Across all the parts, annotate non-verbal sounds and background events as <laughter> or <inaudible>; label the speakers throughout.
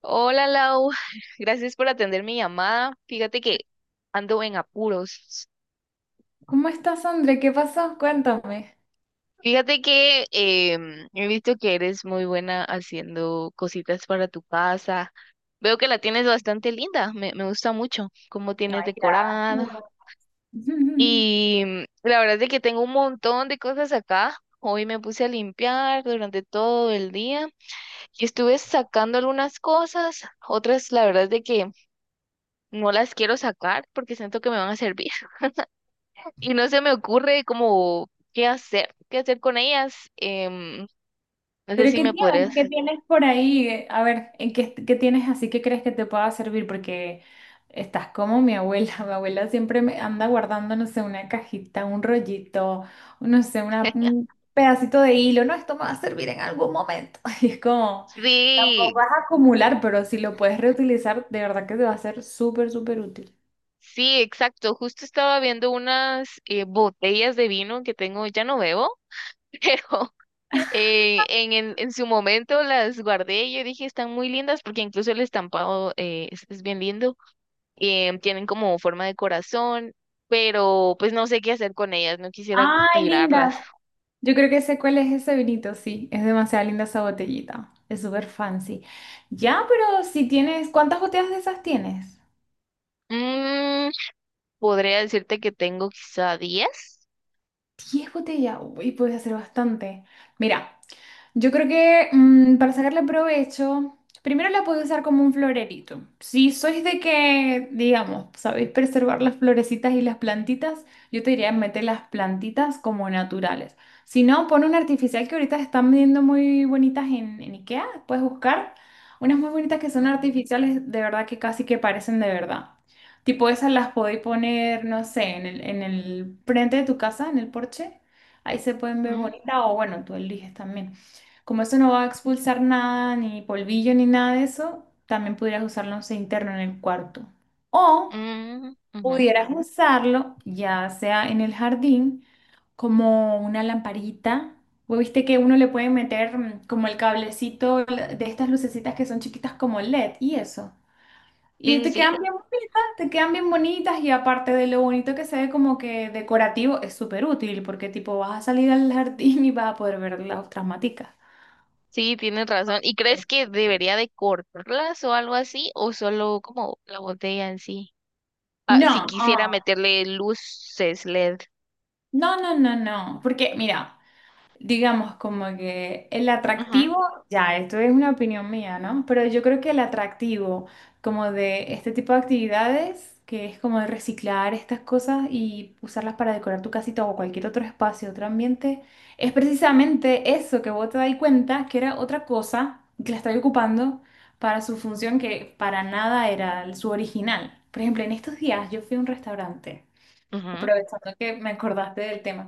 Speaker 1: Hola Lau, <laughs> gracias por atender mi llamada. Fíjate que ando en apuros.
Speaker 2: ¿Cómo estás, André? ¿Qué pasó? Cuéntame.
Speaker 1: Fíjate que he visto que eres muy buena haciendo cositas para tu casa. Veo que la tienes bastante linda, me gusta mucho cómo tienes
Speaker 2: Ay,
Speaker 1: decorado.
Speaker 2: gracias. <laughs>
Speaker 1: Y la verdad es de que tengo un montón de cosas acá. Hoy me puse a limpiar durante todo el día y estuve sacando algunas cosas, otras la verdad es de que no las quiero sacar porque siento que me van a servir. Y no se me ocurre como qué hacer con ellas. No sé
Speaker 2: ¿Pero
Speaker 1: si
Speaker 2: qué
Speaker 1: me
Speaker 2: tienes?
Speaker 1: podrías.
Speaker 2: ¿Qué tienes por ahí? A ver, ¿qué tienes así que crees que te pueda servir? Porque estás como mi abuela. <laughs> Mi abuela siempre me anda guardando, no sé, una cajita, un rollito, no sé, un pedacito de hilo. No, esto me va a servir en algún momento. <laughs> Y es como, tampoco
Speaker 1: Sí,
Speaker 2: vas a acumular, pero si lo puedes reutilizar, de verdad que te va a ser súper, súper útil.
Speaker 1: sí, exacto. Justo estaba viendo unas botellas de vino que tengo, ya no bebo, <laughs> pero en su momento las guardé y yo dije, están muy lindas porque incluso el estampado es bien lindo. Tienen como forma de corazón, pero pues no sé qué hacer con ellas, no quisiera
Speaker 2: Ay, linda,
Speaker 1: tirarlas.
Speaker 2: yo creo que sé cuál es ese vinito, sí, es demasiado linda esa botellita, es súper fancy. Ya, pero si tienes, ¿cuántas botellas de esas tienes?
Speaker 1: Mm, Podría decirte que tengo quizá 10.
Speaker 2: 10 botellas, uy, puedes hacer bastante. Mira, yo creo que para sacarle provecho, primero la puedo usar como un florerito. Si sois de que, digamos, sabéis preservar las florecitas y las plantitas, yo te diría meter las plantitas como naturales. Si no, pon una artificial que ahorita están vendiendo muy bonitas en IKEA, puedes buscar unas muy bonitas que son
Speaker 1: Ujú,
Speaker 2: artificiales, de verdad que casi que parecen de verdad. Tipo esas las podéis poner, no sé, en el frente de tu casa, en el porche. Ahí se pueden ver bonitas o bueno, tú eliges también. Como esto no va a expulsar nada, ni polvillo, ni nada de eso, también pudieras usarlo de interno en el cuarto. O
Speaker 1: ujú, ujú.
Speaker 2: pudieras usarlo ya sea en el jardín como una lamparita. Vos viste que uno le puede meter como el cablecito de estas lucecitas que son chiquitas como LED y eso. Y
Speaker 1: Sí, sí,
Speaker 2: te
Speaker 1: sí,
Speaker 2: quedan bien bonitas, te quedan bien bonitas y aparte de lo bonito que se ve como que decorativo, es súper útil porque tipo vas a salir al jardín y vas a poder ver las otras maticas.
Speaker 1: sí, tienes razón. ¿Y crees que debería de cortarlas o algo así? ¿O solo como la botella en sí? Ah, si
Speaker 2: No,
Speaker 1: quisiera
Speaker 2: ah,
Speaker 1: meterle luces LED.
Speaker 2: no, no, no, no, porque mira, digamos como que el
Speaker 1: Ujú,
Speaker 2: atractivo, ya, esto es una opinión mía, ¿no? Pero yo creo que el atractivo como de este tipo de actividades, que es como de reciclar estas cosas y usarlas para decorar tu casita o cualquier otro espacio, otro ambiente, es precisamente eso que vos te das cuenta que era otra cosa que la estaba ocupando para su función que para nada era su original. Por ejemplo, en estos días yo fui a un restaurante.
Speaker 1: ujú,
Speaker 2: Aprovechando que me acordaste del tema.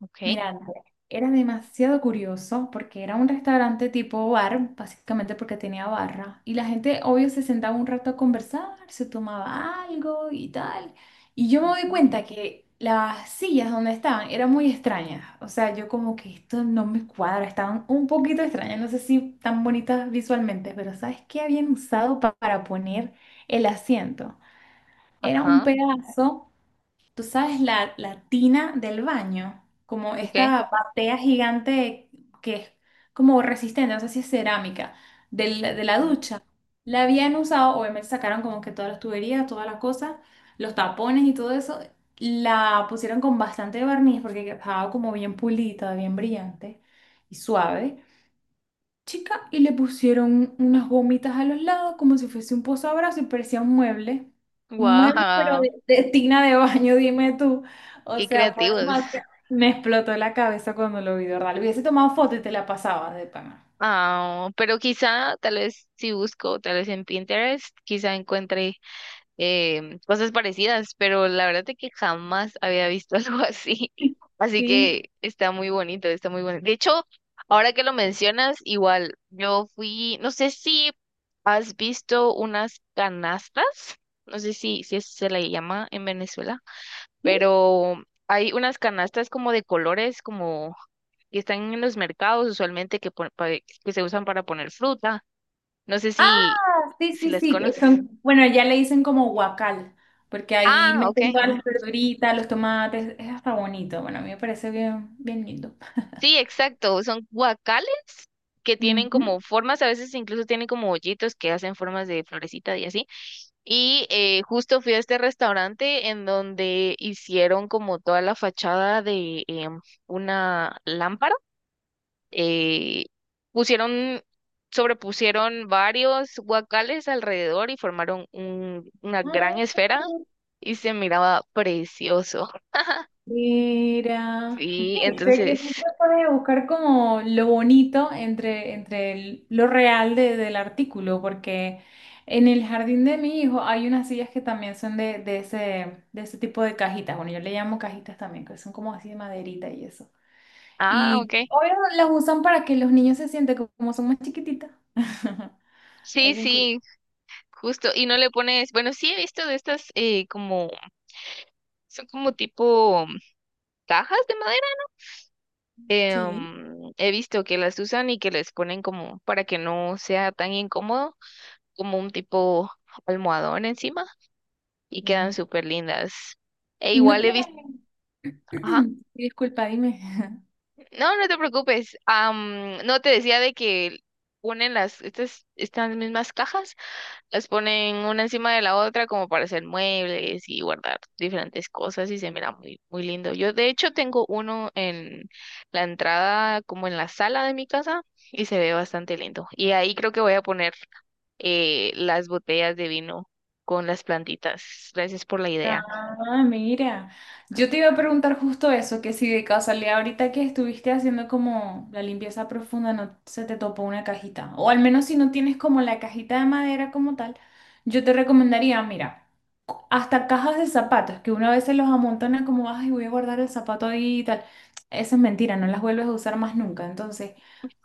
Speaker 1: ok.
Speaker 2: Mira, Andrea, era demasiado curioso porque era un restaurante tipo bar, básicamente porque tenía barra. Y la gente, obvio, se sentaba un rato a conversar, se tomaba algo y tal. Y yo me doy
Speaker 1: Ujú,
Speaker 2: cuenta que las sillas donde estaban eran muy extrañas. O sea, yo como que esto no me cuadra, estaban un poquito extrañas. No sé si tan bonitas visualmente, pero ¿sabes qué habían usado para poner el asiento? Era un
Speaker 1: ajá,
Speaker 2: pedazo. ¿Tú sabes la, la tina del baño? Como
Speaker 1: ok.
Speaker 2: esta batea gigante que es como resistente, no sé si es cerámica, de la, ducha. La habían usado, obviamente sacaron como que todas las tuberías, todas las cosas, los tapones y todo eso. La pusieron con bastante barniz porque estaba como bien pulita, bien brillante y suave chica y le pusieron unas gomitas a los lados como si fuese un posabrazos y parecía un mueble. Un mueble, pero
Speaker 1: Wow,
Speaker 2: de tina de baño, dime tú. O
Speaker 1: qué
Speaker 2: sea, fue
Speaker 1: creativos.
Speaker 2: demasiado. Me explotó la cabeza cuando lo vi, de ¿verdad? Le hubiese tomado foto y te la pasaba de pana.
Speaker 1: Ah, pero quizá, tal vez si busco, tal vez en Pinterest, quizá encuentre cosas parecidas, pero la verdad es que jamás había visto <laughs> algo así. Así
Speaker 2: Sí.
Speaker 1: que está muy bonito, está muy bonito. De hecho, ahora que lo mencionas, igual yo fui, no sé si has visto unas canastas, no sé si eso se le llama en Venezuela,
Speaker 2: ¿Sí?
Speaker 1: pero hay unas canastas como de colores, como que están en los mercados usualmente que, que se usan para poner fruta. No sé
Speaker 2: Ah, sí,
Speaker 1: si
Speaker 2: sí,
Speaker 1: las
Speaker 2: sí,
Speaker 1: conoces.
Speaker 2: bueno, ya le dicen como guacal, porque ahí
Speaker 1: Ah, ok.
Speaker 2: meten todas las verduritas, los tomates, es hasta bonito. Bueno, a mí me parece bien, bien lindo. <laughs>
Speaker 1: Sí, exacto. Son guacales que tienen
Speaker 2: Ujú.
Speaker 1: como formas, a veces incluso tienen como hoyitos que hacen formas de florecita y así. Y justo fui a este restaurante en donde hicieron como toda la fachada de una lámpara. eh, Pusieron, sobrepusieron varios guacales alrededor y formaron una gran esfera y se miraba precioso.
Speaker 2: Mira,
Speaker 1: Sí,
Speaker 2: sí, sé que
Speaker 1: entonces,
Speaker 2: siempre puedes buscar como lo bonito entre, entre lo real del artículo, porque en el jardín de mi hijo hay unas sillas que también son de, de ese tipo de cajitas, bueno, yo le llamo cajitas también, que son como así de maderita y eso.
Speaker 1: ah,
Speaker 2: Y
Speaker 1: ok.
Speaker 2: obvio las usan para que los niños se sienten como son más chiquititas. <laughs>
Speaker 1: Sí,
Speaker 2: Es bien cool.
Speaker 1: sí, justo, y no le pones, bueno, sí he visto de estas como, son como tipo cajas de madera.
Speaker 2: Sí.
Speaker 1: He visto que las usan y que les ponen como para que no sea tan incómodo, como un tipo almohadón encima y quedan
Speaker 2: Sí.
Speaker 1: súper lindas. E
Speaker 2: Y no
Speaker 1: igual he visto,
Speaker 2: tienen...
Speaker 1: ajá.
Speaker 2: <clears throat> Disculpa, dime. <laughs>
Speaker 1: No, no te preocupes. No te decía de que ponen las, estas mismas cajas, las ponen una encima de la otra como para hacer muebles y guardar diferentes cosas y se mira muy, muy lindo. Yo de hecho tengo uno en la entrada, como en la sala de mi casa, y se ve bastante lindo. Y ahí creo que voy a poner las botellas de vino con las plantitas. Gracias por la idea.
Speaker 2: Ah, mira, yo te iba a preguntar justo eso, que si de casualidad ahorita que estuviste haciendo como la limpieza profunda no se te topó una cajita, o al menos si no tienes como la cajita de madera como tal, yo te recomendaría, mira, hasta cajas de zapatos, que una vez se los amontona como, ay, voy a guardar el zapato ahí y tal. Eso es mentira, no las vuelves a usar más nunca. Entonces,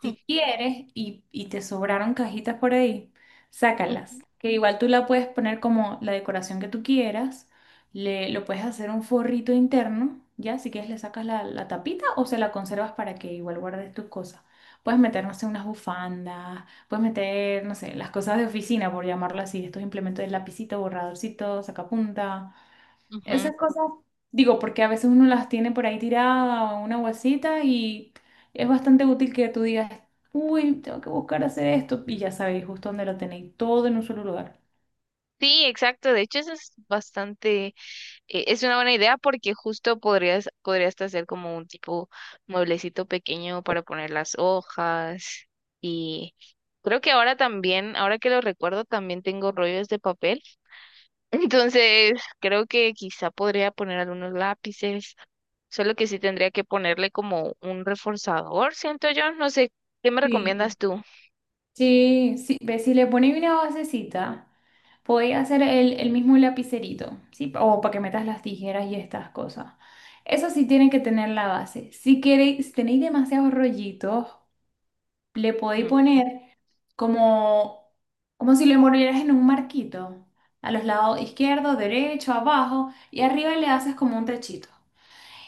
Speaker 2: si quieres y te sobraron cajitas por ahí, sácalas,
Speaker 1: Ujú,
Speaker 2: que igual tú la puedes poner como la decoración que tú quieras. Le, lo puedes hacer un forrito interno, ya, si quieres le sacas la, tapita o se la conservas para que igual guardes tus cosas. Puedes meter, no sé, unas bufandas, puedes meter, no sé, las cosas de oficina, por llamarlo así, estos implementos de lapicito, borradorcito, sacapunta,
Speaker 1: ujú.
Speaker 2: esas cosas, digo, porque a veces uno las tiene por ahí tirada o en una bolsita y es bastante útil que tú digas, uy, tengo que buscar hacer esto y ya sabéis justo dónde lo tenéis, todo en un solo lugar.
Speaker 1: Sí, exacto. De hecho, eso es bastante, es una buena idea porque justo podrías, podrías hasta hacer como un tipo mueblecito pequeño para poner las hojas. Y creo que ahora también, ahora que lo recuerdo, también tengo rollos de papel. Entonces, creo que quizá podría poner algunos lápices, solo que sí tendría que ponerle como un reforzador, siento yo, no sé, ¿qué me
Speaker 2: Sí,
Speaker 1: recomiendas tú?
Speaker 2: sí, sí, ve, si le pones una basecita, podéis hacer el mismo lapicerito, ¿sí? O para que metas las tijeras y estas cosas. Eso sí tiene que tener la base. Si queréis, si tenéis demasiados rollitos, le podéis
Speaker 1: Ujú,
Speaker 2: poner como, como si lo envolvieras en un marquito, a los lados izquierdo, derecho, abajo, y arriba le haces como un techito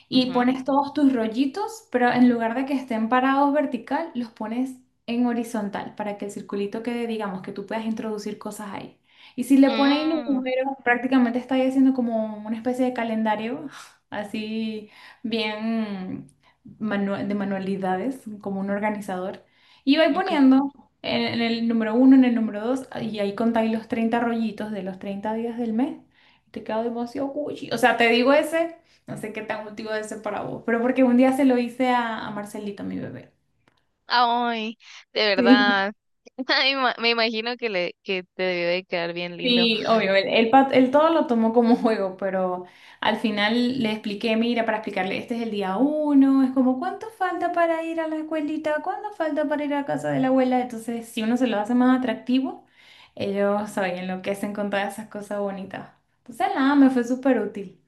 Speaker 2: y
Speaker 1: ujú.
Speaker 2: pones todos tus rollitos, pero en lugar de que estén parados vertical, los pones en horizontal para que el circulito quede, digamos, que tú puedas introducir cosas ahí. Y si le pones los
Speaker 1: Mm,
Speaker 2: números, prácticamente estáis haciendo como una especie de calendario, <laughs> así bien de manualidades, como un organizador. Y vais
Speaker 1: ok.
Speaker 2: poniendo en, el número uno, en el número dos, y ahí contáis los 30 rollitos de los 30 días del mes. Te quedo demasiado cuchi. O sea, te digo ese. No sé qué tan útil debe ser para vos, pero porque un día se lo hice a, Marcelito, mi bebé.
Speaker 1: Ay, de
Speaker 2: Sí.
Speaker 1: verdad. <laughs> Ay, me imagino que le que te debe de quedar bien lindo.
Speaker 2: Sí, obvio, él todo lo tomó como <laughs> juego, pero al final le expliqué, mira, para explicarle, este es el día uno, es como, ¿cuánto falta para ir a la escuelita? ¿Cuánto falta para ir a casa de la abuela? Entonces, si uno se lo hace más atractivo, ellos saben, lo que hacen con todas esas cosas bonitas. Entonces, nada, me fue súper útil.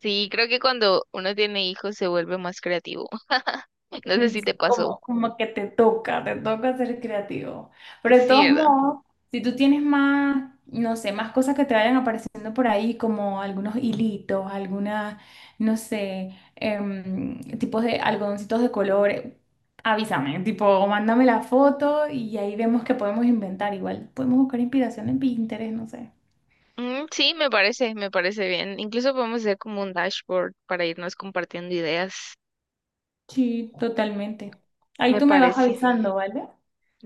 Speaker 1: Sí, creo que cuando uno tiene hijos se vuelve más creativo. <laughs> No sé si te
Speaker 2: <laughs>
Speaker 1: pasó.
Speaker 2: Como, como que te toca ser creativo. Pero de
Speaker 1: Sí,
Speaker 2: todos
Speaker 1: ¿verdad?
Speaker 2: modos, si tú tienes más, no sé, más cosas que te vayan apareciendo por ahí, como algunos hilitos, algunas, no sé, tipos de algodoncitos de colores, avísame, tipo, mándame la foto y ahí vemos que podemos inventar. Igual podemos buscar inspiración en Pinterest, no sé.
Speaker 1: Mm, sí, me parece bien. Incluso podemos hacer como un dashboard para irnos compartiendo ideas.
Speaker 2: Sí, totalmente. Ahí
Speaker 1: Me
Speaker 2: tú me vas
Speaker 1: parece.
Speaker 2: avisando, ¿vale?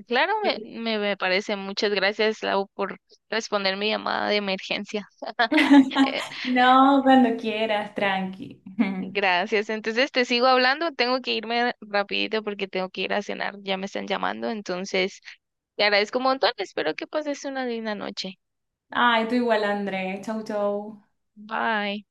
Speaker 1: Claro,
Speaker 2: Yo-
Speaker 1: me parece. Muchas gracias, Lau, por responder mi llamada de emergencia. <laughs>
Speaker 2: <laughs> No, cuando quieras, tranqui. <laughs>
Speaker 1: Gracias. Entonces, te sigo hablando. Tengo que irme rapidito porque tengo que ir a cenar. Ya me están llamando. Entonces, te agradezco un montón. Espero que pases una linda noche.
Speaker 2: Ay, tú igual, André. Chau, chau.
Speaker 1: Bye.